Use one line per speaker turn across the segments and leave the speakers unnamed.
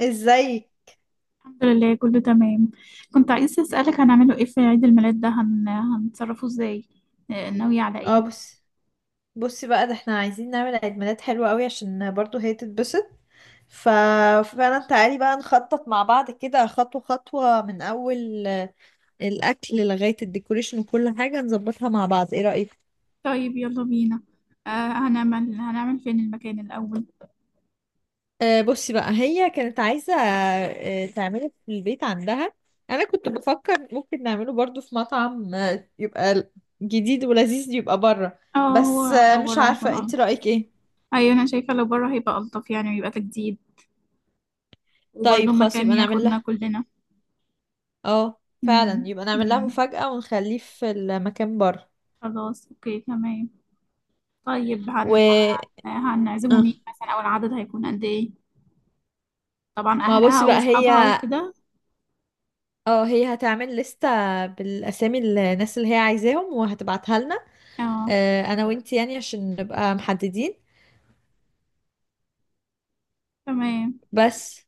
ازاي؟
الحمد لله، كله تمام. كنت عايزة أسألك هنعمله ايه في عيد الميلاد ده، هنتصرفه ازاي؟ ناوية على
اه
ايه؟
بص بصي بقى، ده احنا عايزين نعمل عيد ميلاد حلو قوي عشان برضو هي تتبسط. ف... فعلا تعالي بقى نخطط مع بعض كده، خطوة خطوة، من أول الأكل لغاية الديكوريشن، وكل حاجة نظبطها مع بعض. ايه رأيك؟
طيب يلا بينا. آه. هنعمل فين المكان الأول؟
بصي بقى، هي كانت عايزة تعمله في البيت عندها. أنا كنت بفكر ممكن نعمله برضو في مطعم يبقى جديد ولذيذ، يبقى بره.
اه،
بس
هو لو
مش
بره هيكون
عارفة، انت
ألطف.
رأيك ايه؟
أيوة، أنا شايفة لو بره هيبقى ألطف يعني، ويبقى تجديد، وبرضه
طيب خلاص
مكان
يبقى نعمل
ياخدنا
لها.
كلنا.
اه فعلا
مم.
يبقى نعمل لها
مم.
مفاجأة ونخليه في المكان بره.
خلاص اوكي تمام. طيب
و
هنعزمه
آه.
مين مثلا، أو العدد هيكون قد ايه؟ طبعا
ما هو بصي
أهلها
بقى هي،
وأصحابها وكده.
هتعمل لستة بالأسامي الناس اللي هي عايزاهم وهتبعتها لنا.
اه.
أنا وانتي يعني عشان نبقى محددين.
تمام.
بس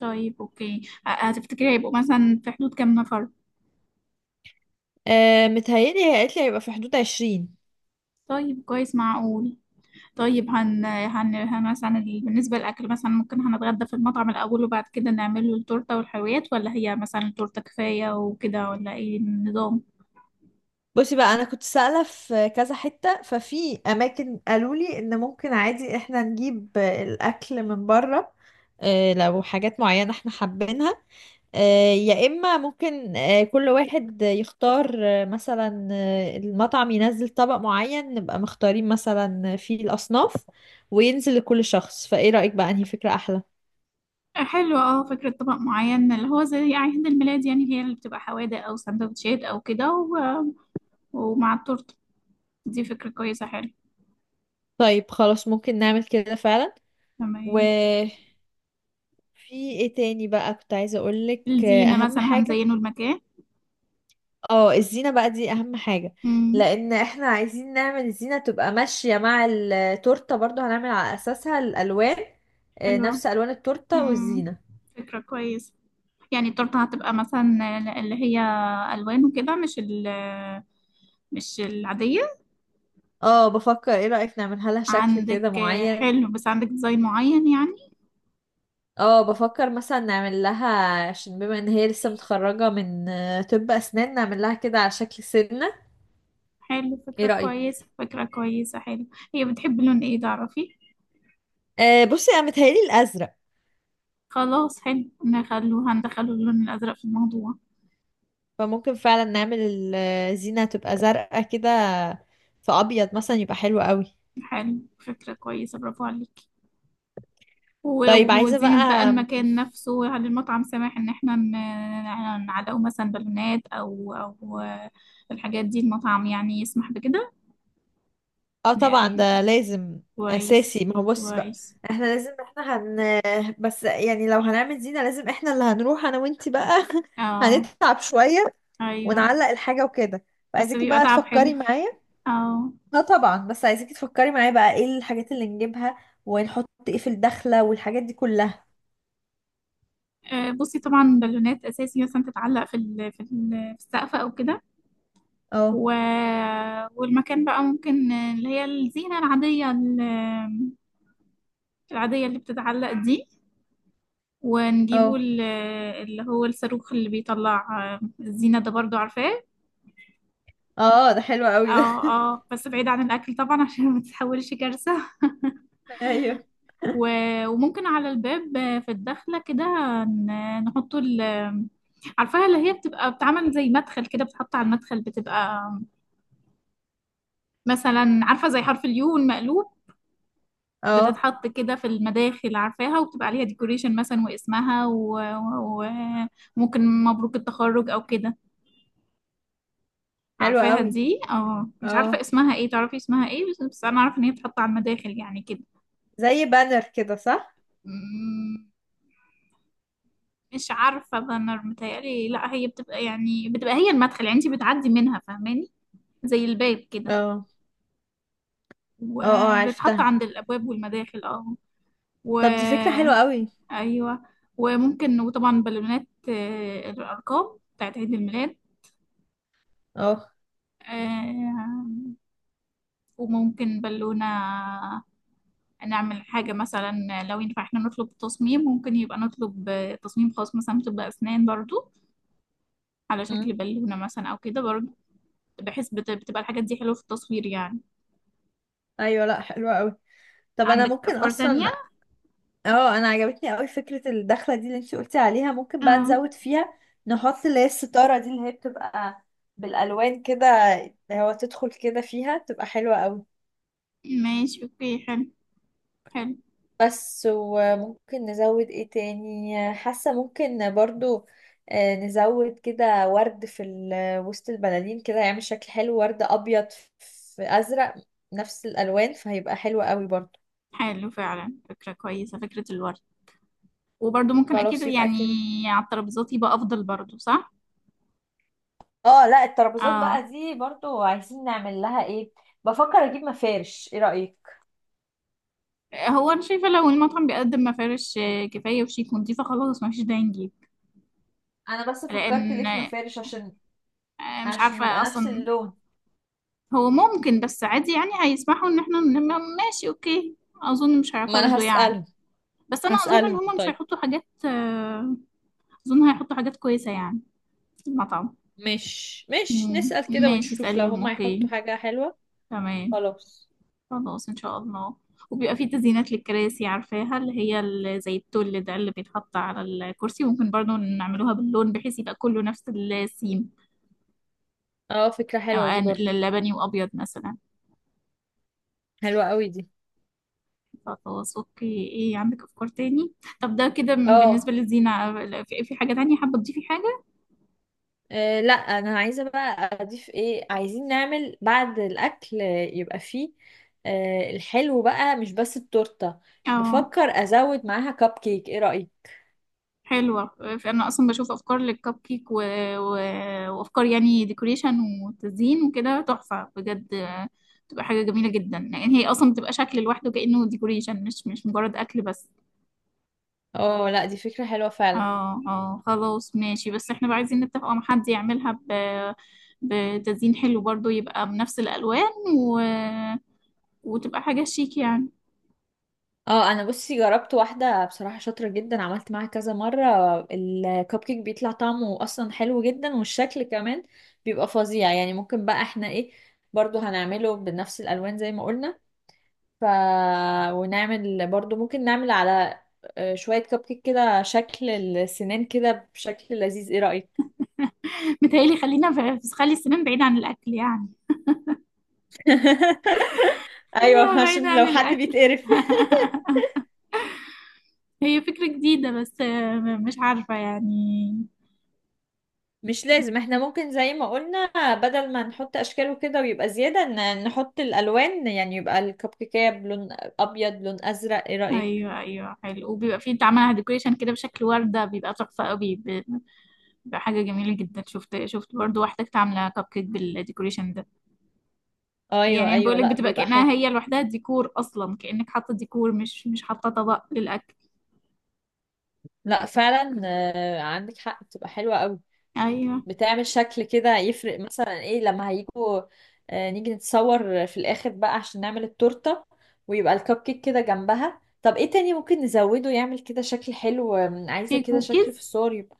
طيب اوكي. هتفتكري هيبقوا مثلا في حدود كام نفر؟
متهيألي هي قالت لي هيبقى في حدود 20.
طيب، كويس، معقول. طيب هن مثلا، بالنسبة للأكل مثلا، ممكن هنتغدى في المطعم الأول وبعد كده نعمل له التورتة والحلويات، ولا هي مثلا التورتة كفاية وكده، ولا ايه النظام؟
بصي بقى، أنا كنت سائلة في كذا حتة، ففي أماكن قالوا لي إن ممكن عادي إحنا نجيب الأكل من بره. لو حاجات معينة إحنا حابينها، يا إما ممكن كل واحد يختار مثلا المطعم ينزل طبق معين، نبقى مختارين مثلا فيه الأصناف، وينزل لكل شخص. فإيه رأيك بقى، أنهي فكرة أحلى؟
حلو، اه، فكرة طبق معين اللي هو زي عيد الميلاد يعني، اللي هي اللي بتبقى حوادق أو سندوتشات أو كده، ومع التورتة. دي فكرة كويسة، حلو.
طيب خلاص، ممكن نعمل كده فعلا.
تمام.
وفي إيه تاني بقى كنت عايزة أقولك؟
الزينة
أهم
مثلا،
حاجة،
هنزينه المكان؟
اه، الزينة بقى، دي أهم حاجة.
امم.
لأن احنا عايزين نعمل الزينة تبقى ماشية مع التورتة، برضو هنعمل على أساسها الألوان،
حلو.
نفس ألوان التورتة
امم.
والزينة.
فكرة كويسة. يعني التورتة هتبقى مثلا اللي هي ألوان وكده، مش العادية.
اه بفكر، ايه رأيك نعملها لها شكل
عندك
كده معين؟
حلو، بس عندك ديزاين معين يعني؟
اه بفكر مثلا نعمل لها، عشان بما ان هي لسه متخرجة من طب اسنان، نعمل لها كده على شكل سنة.
حلو،
ايه
فكرة
رأيك؟
كويسة، فكرة كويسة، حلو. هي بتحب لون ايه، تعرفي؟
بصي، انا متهيألي الازرق.
خلاص حلو، نخلو هندخله اللون الأزرق في الموضوع.
فممكن فعلا نعمل الزينة تبقى زرقاء كده، في ابيض مثلا يبقى حلو قوي.
حلو، فكرة كويسة، برافو عليكي. و-
طيب عايزة
وزينة بقى
بقى.
المكان نفسه، هل المطعم سامح ان احنا نعلقه مثلا بالونات، او الحاجات دي؟ المطعم يعني يسمح بكده؟
اه طبعا ده لازم
كويس.
اساسي. ما هو بصي بقى
كويس.
احنا لازم احنا هن بس يعني لو هنعمل زينة، لازم احنا اللي هنروح انا وانتي بقى
اه.
هنتعب شوية
ايوه.
ونعلق الحاجة وكده.
بس
فعايزاكي
بيبقى
بقى
تعب
تفكري
حلو.
معايا.
اه.
اه طبعا، بس عايزاكي تفكري معايا بقى ايه الحاجات اللي نجيبها، ونحط ايه في الدخلة، والحاجات دي كلها.
آه، بصي، طبعا بالونات اساسي مثلا تتعلق في في السقف او كده.
اه.
و... والمكان بقى ممكن اللي هي الزينة العادية، العادية اللي بتتعلق دي، ونجيبه
اه.
اللي هو الصاروخ اللي بيطلع، آه، الزينة ده برضو عارفاه.
اه، ده حلو قوي ده
اه. اه، بس بعيد عن الأكل طبعا عشان ما تتحولش كارثة.
ايوه.
وممكن على الباب، آه، في الدخلة كده، نحط عارفاها اللي هي بتبقى بتعمل زي مدخل كده، بتحط على المدخل، بتبقى مثلا، عارفة، زي حرف اليو المقلوب،
اه،
بتتحط كده في المداخل، عارفاها، وبتبقى عليها ديكوريشن مثلا، واسمها، وممكن مبروك التخرج او كده،
حلو
عارفاها
قوي.
دي؟ اه، مش عارفة
اه،
اسمها ايه، تعرفي اسمها ايه؟ بس انا عارفة ان هي بتتحط على المداخل يعني،
زي بانر كده، صح؟
كده. مش عارفة، بانر متهيألي، لا، هي بتبقى يعني بتبقى هي المدخل يعني انت بتعدي منها، فاهماني؟ زي الباب كده،
اه. اه. اه،
وبتحط
عرفتها.
عند الأبواب والمداخل. اه. و
طب دي فكرة حلوة قوي.
أيوة. وطبعا بالونات، آه، الأرقام بتاعت عيد الميلاد،
اه.
آه، وممكن بالونة، نعمل حاجة مثلا، لو ينفع احنا نطلب تصميم، ممكن يبقى نطلب تصميم خاص مثلا طب أسنان برضو، على
أمم.
شكل بالونة مثلا أو كده برضو، بحيث بتبقى الحاجات دي حلوة في التصوير يعني.
ايوه لا، حلوة قوي. طب انا
عندك
ممكن
أفكار تانية؟
اصلا، اه، انا عجبتني قوي فكرة الدخلة دي اللي انت قلتي عليها، ممكن بقى
اه،
نزود فيها، نحط اللي هي الستارة دي اللي هي بتبقى بالالوان كده، اللي هو تدخل كده فيها تبقى حلوة قوي.
ماشي اوكي، حلو. حلو.
بس، وممكن نزود ايه تاني؟ حاسة ممكن برضو نزود كده ورد في وسط البلالين، كده يعمل شكل حلو، ورد ابيض في ازرق، نفس الالوان، فهيبقى حلو قوي برضو.
حلو فعلا، فكرة كويسة، فكرة الورد. وبرضه ممكن أكيد
خلاص يبقى
يعني
كده.
على الترابيزات يبقى أفضل برضه، صح؟
اه لا، الترابيزات بقى
اه.
دي برضو عايزين نعمل لها ايه؟ بفكر اجيب مفارش، ايه رأيك؟
هو أنا شايفة لو المطعم بيقدم مفارش، آه، كفاية وشيك ونضيفة، خلاص مفيش داعي نجيب.
انا بس فكرت
لأن،
ليه في مفارش عشان
آه، مش
عشان يبقى
عارفة
نفس
أصلا.
اللون.
هو ممكن، بس عادي يعني هيسمحوا إن احنا ماشي اوكي، أظن مش
ما انا
هيعترضوا يعني.
هسألهم.
بس أنا أظن إن
هسألهم
هما مش
طيب،
هيحطوا حاجات، آه، أظن هيحطوا حاجات كويسة يعني في المطعم.
مش
مم.
نسأل كده
ماشي،
ونشوف لو
اسأليهم
هما هيحطوا
اوكي.
حاجة حلوة.
تمام.
خلاص.
خلاص ان شاء الله. وبيبقى في تزيينات للكراسي، عارفاها، اللي هي زي التل ده اللي بيتحط على الكرسي، ممكن برضو نعملوها باللون بحيث يبقى كله نفس السيم،
اه فكرة حلوة
آه،
دي برضو.
لبني وابيض مثلا.
حلوة قوي دي.
خلاص اوكي، ايه عندك افكار تاني؟ طب ده كده
اه.
بالنسبة للزينة. في حاجة تانية، حابة تضيفي حاجة؟
لا، انا عايزه بقى اضيف ايه؟ عايزين نعمل بعد الاكل يبقى فيه الحلو بقى، مش بس التورته.
اه،
بفكر ازود معاها كب كيك، ايه رايك؟
حلوة. أنا أصلا بشوف أفكار للكب كيك و... وأفكار يعني ديكوريشن وتزيين وكده، تحفة بجد، آه، بتبقى حاجة جميلة جدا، لأن هي أصلا بتبقى شكل لوحده كأنه ديكوريشن، مش مجرد أكل بس.
اه لا، دي فكره حلوه فعلا.
اه. اه، خلاص، ماشي. بس احنا بقى عايزين نتفق مع حد يعملها بتزيين حلو برضو، يبقى بنفس الألوان، و... وتبقى حاجة شيك يعني.
اه، انا بصي جربت واحده بصراحه شاطره جدا، عملت معاها كذا مره، الكب كيك بيطلع طعمه اصلا حلو جدا والشكل كمان بيبقى فظيع يعني. ممكن بقى احنا ايه، برضو هنعمله بنفس الالوان زي ما قلنا. ف ونعمل برضو، ممكن نعمل على شوية كب كيك كده شكل السنان كده بشكل لذيذ، ايه رأيك؟
متهيألي، خلينا خلي السنان بعيدة عن الأكل يعني. خليها
ايوه
بعيدة
عشان
عن
لو حد
الأكل.
بيتقرف.
هي فكرة جديدة، بس، آه، مش عارفة يعني.
مش لازم، احنا ممكن زي ما قلنا، بدل ما نحط اشكاله كده ويبقى زيادة، نحط الالوان يعني، يبقى الكب كيكية بلون ابيض، لون ازرق. ايه رأيك؟
ايوه، ايوه، حلو، وبيبقى فيه انت عاملها ديكوريشن كده بشكل وردة، بيبقى تحفة قوي، بيبقى حاجة جميلة جدا، شفت برضو واحدة كانت عاملة كب كيك بالديكوريشن ده.
ايوه
يعني انا
ايوه،
بقولك
لا،
بتبقى
بيبقى حلو.
كأنها هي لوحدها ديكور اصلا، كأنك حاطة ديكور مش حاطة طبق للأكل.
لا فعلا، عندك حق، بتبقى حلوة قوي.
ايوه.
بتعمل شكل كده، يفرق مثلا ايه لما هيجوا نيجي نتصور في الاخر بقى عشان نعمل التورتة، ويبقى الكب كيك كده جنبها. طب ايه تاني ممكن نزوده يعمل كده شكل حلو؟ عايزة
في
كده شكل في
كوكيز.
الصور يبقى.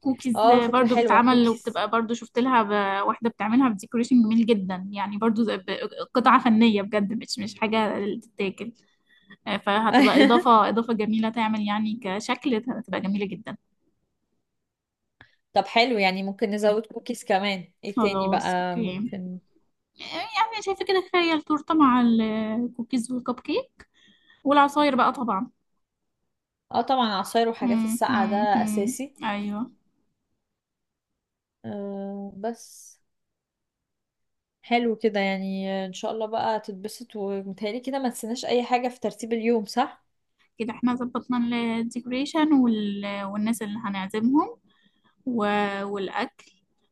كوكيز
اه فكرة
برضو
حلوة،
بتتعمل
كوكيز.
وبتبقى برضو، شفت لها واحدة بتعملها بديكوريشن جميل جدا يعني، برضو قطعة فنية بجد، مش حاجة تتاكل، آه، فهتبقى إضافة جميلة، تعمل يعني كشكل، هتبقى جميلة جدا.
طب حلو، يعني ممكن نزود كوكيز كمان. ايه تاني
خلاص
بقى
أوكي.
ممكن؟
آه، يعني شايفة كده، تخيل تورتة مع الكوكيز والكب كيك، والعصاير بقى طبعا.
اه طبعا، عصاير وحاجات
مم،
الساقعة ده
مم، مم.
اساسي.
أيوه.
بس حلو كده، يعني ان شاء الله بقى تتبسط. ومتهيألي كده ما تنسيناش اي حاجة في ترتيب اليوم، صح؟
كده احنا ظبطنا الديكوريشن والناس اللي هنعزمهم و... والأكل،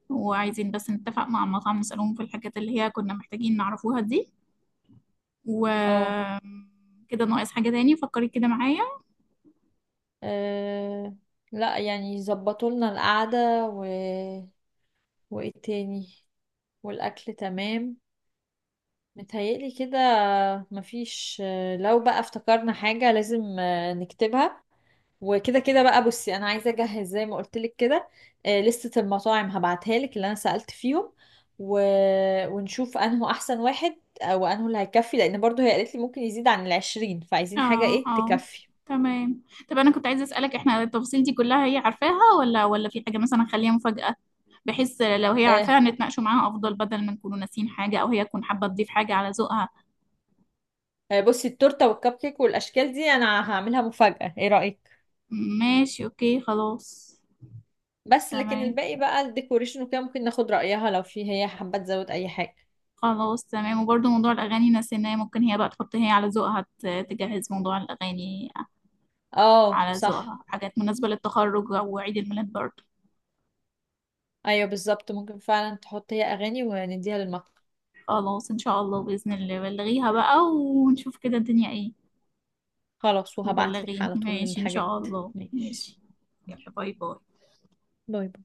وعايزين بس نتفق مع المطعم نسألهم في الحاجات اللي هي كنا محتاجين نعرفوها دي، وكده.
اه.
ناقص حاجة تاني؟ فكري كده معايا.
آه، لا يعني، يظبطوا لنا القعدة وايه تاني، والاكل تمام. متهيألي كده، مفيش لو بقى افتكرنا حاجة لازم نكتبها. وكده كده بقى، بصي انا عايزة اجهز زي ما قلت لك كده، لستة المطاعم هبعتها لك اللي انا سألت فيهم، و... ونشوف انه احسن واحد او انه اللي هيكفي، لان برضو هي قالت لي ممكن يزيد عن 20، فعايزين حاجة
اه،
ايه
اه،
تكفي.
تمام. طب انا كنت عايزه اسالك، احنا التفاصيل دي كلها هي عارفاها، ولا في حاجه مثلا خليها مفاجاه، بحيث لو هي
آه،
عارفاها نتناقشوا معاها افضل، بدل ما نكونوا ناسيين حاجه، او هي تكون حابه تضيف حاجه على ذوقها.
بصي التورته والكب كيك والاشكال دي انا هعملها مفاجاه، ايه رايك؟
ماشي اوكي، خلاص.
بس لكن
تمام.
الباقي بقى الديكوريشن وكده ممكن ناخد رايها لو في هي حابه تزود اي حاجه.
خلاص تمام، وبرضه موضوع الاغاني نسيناه، ممكن هي بقى تحط هي على ذوقها، تجهز موضوع الاغاني
اه
على
صح.
ذوقها، حاجات مناسبه للتخرج او عيد الميلاد برضه.
ايوه بالظبط، ممكن فعلا تحط هي اغاني ونديها للمطعم.
خلاص ان شاء الله، باذن الله بلغيها بقى ونشوف كده الدنيا ايه.
خلاص، وهبعتلك
وبلغيني،
على طول
ماشي، إن
الحاجات.
شاء الله.
ماشي،
ماشي. يلا باي باي.
باي باي.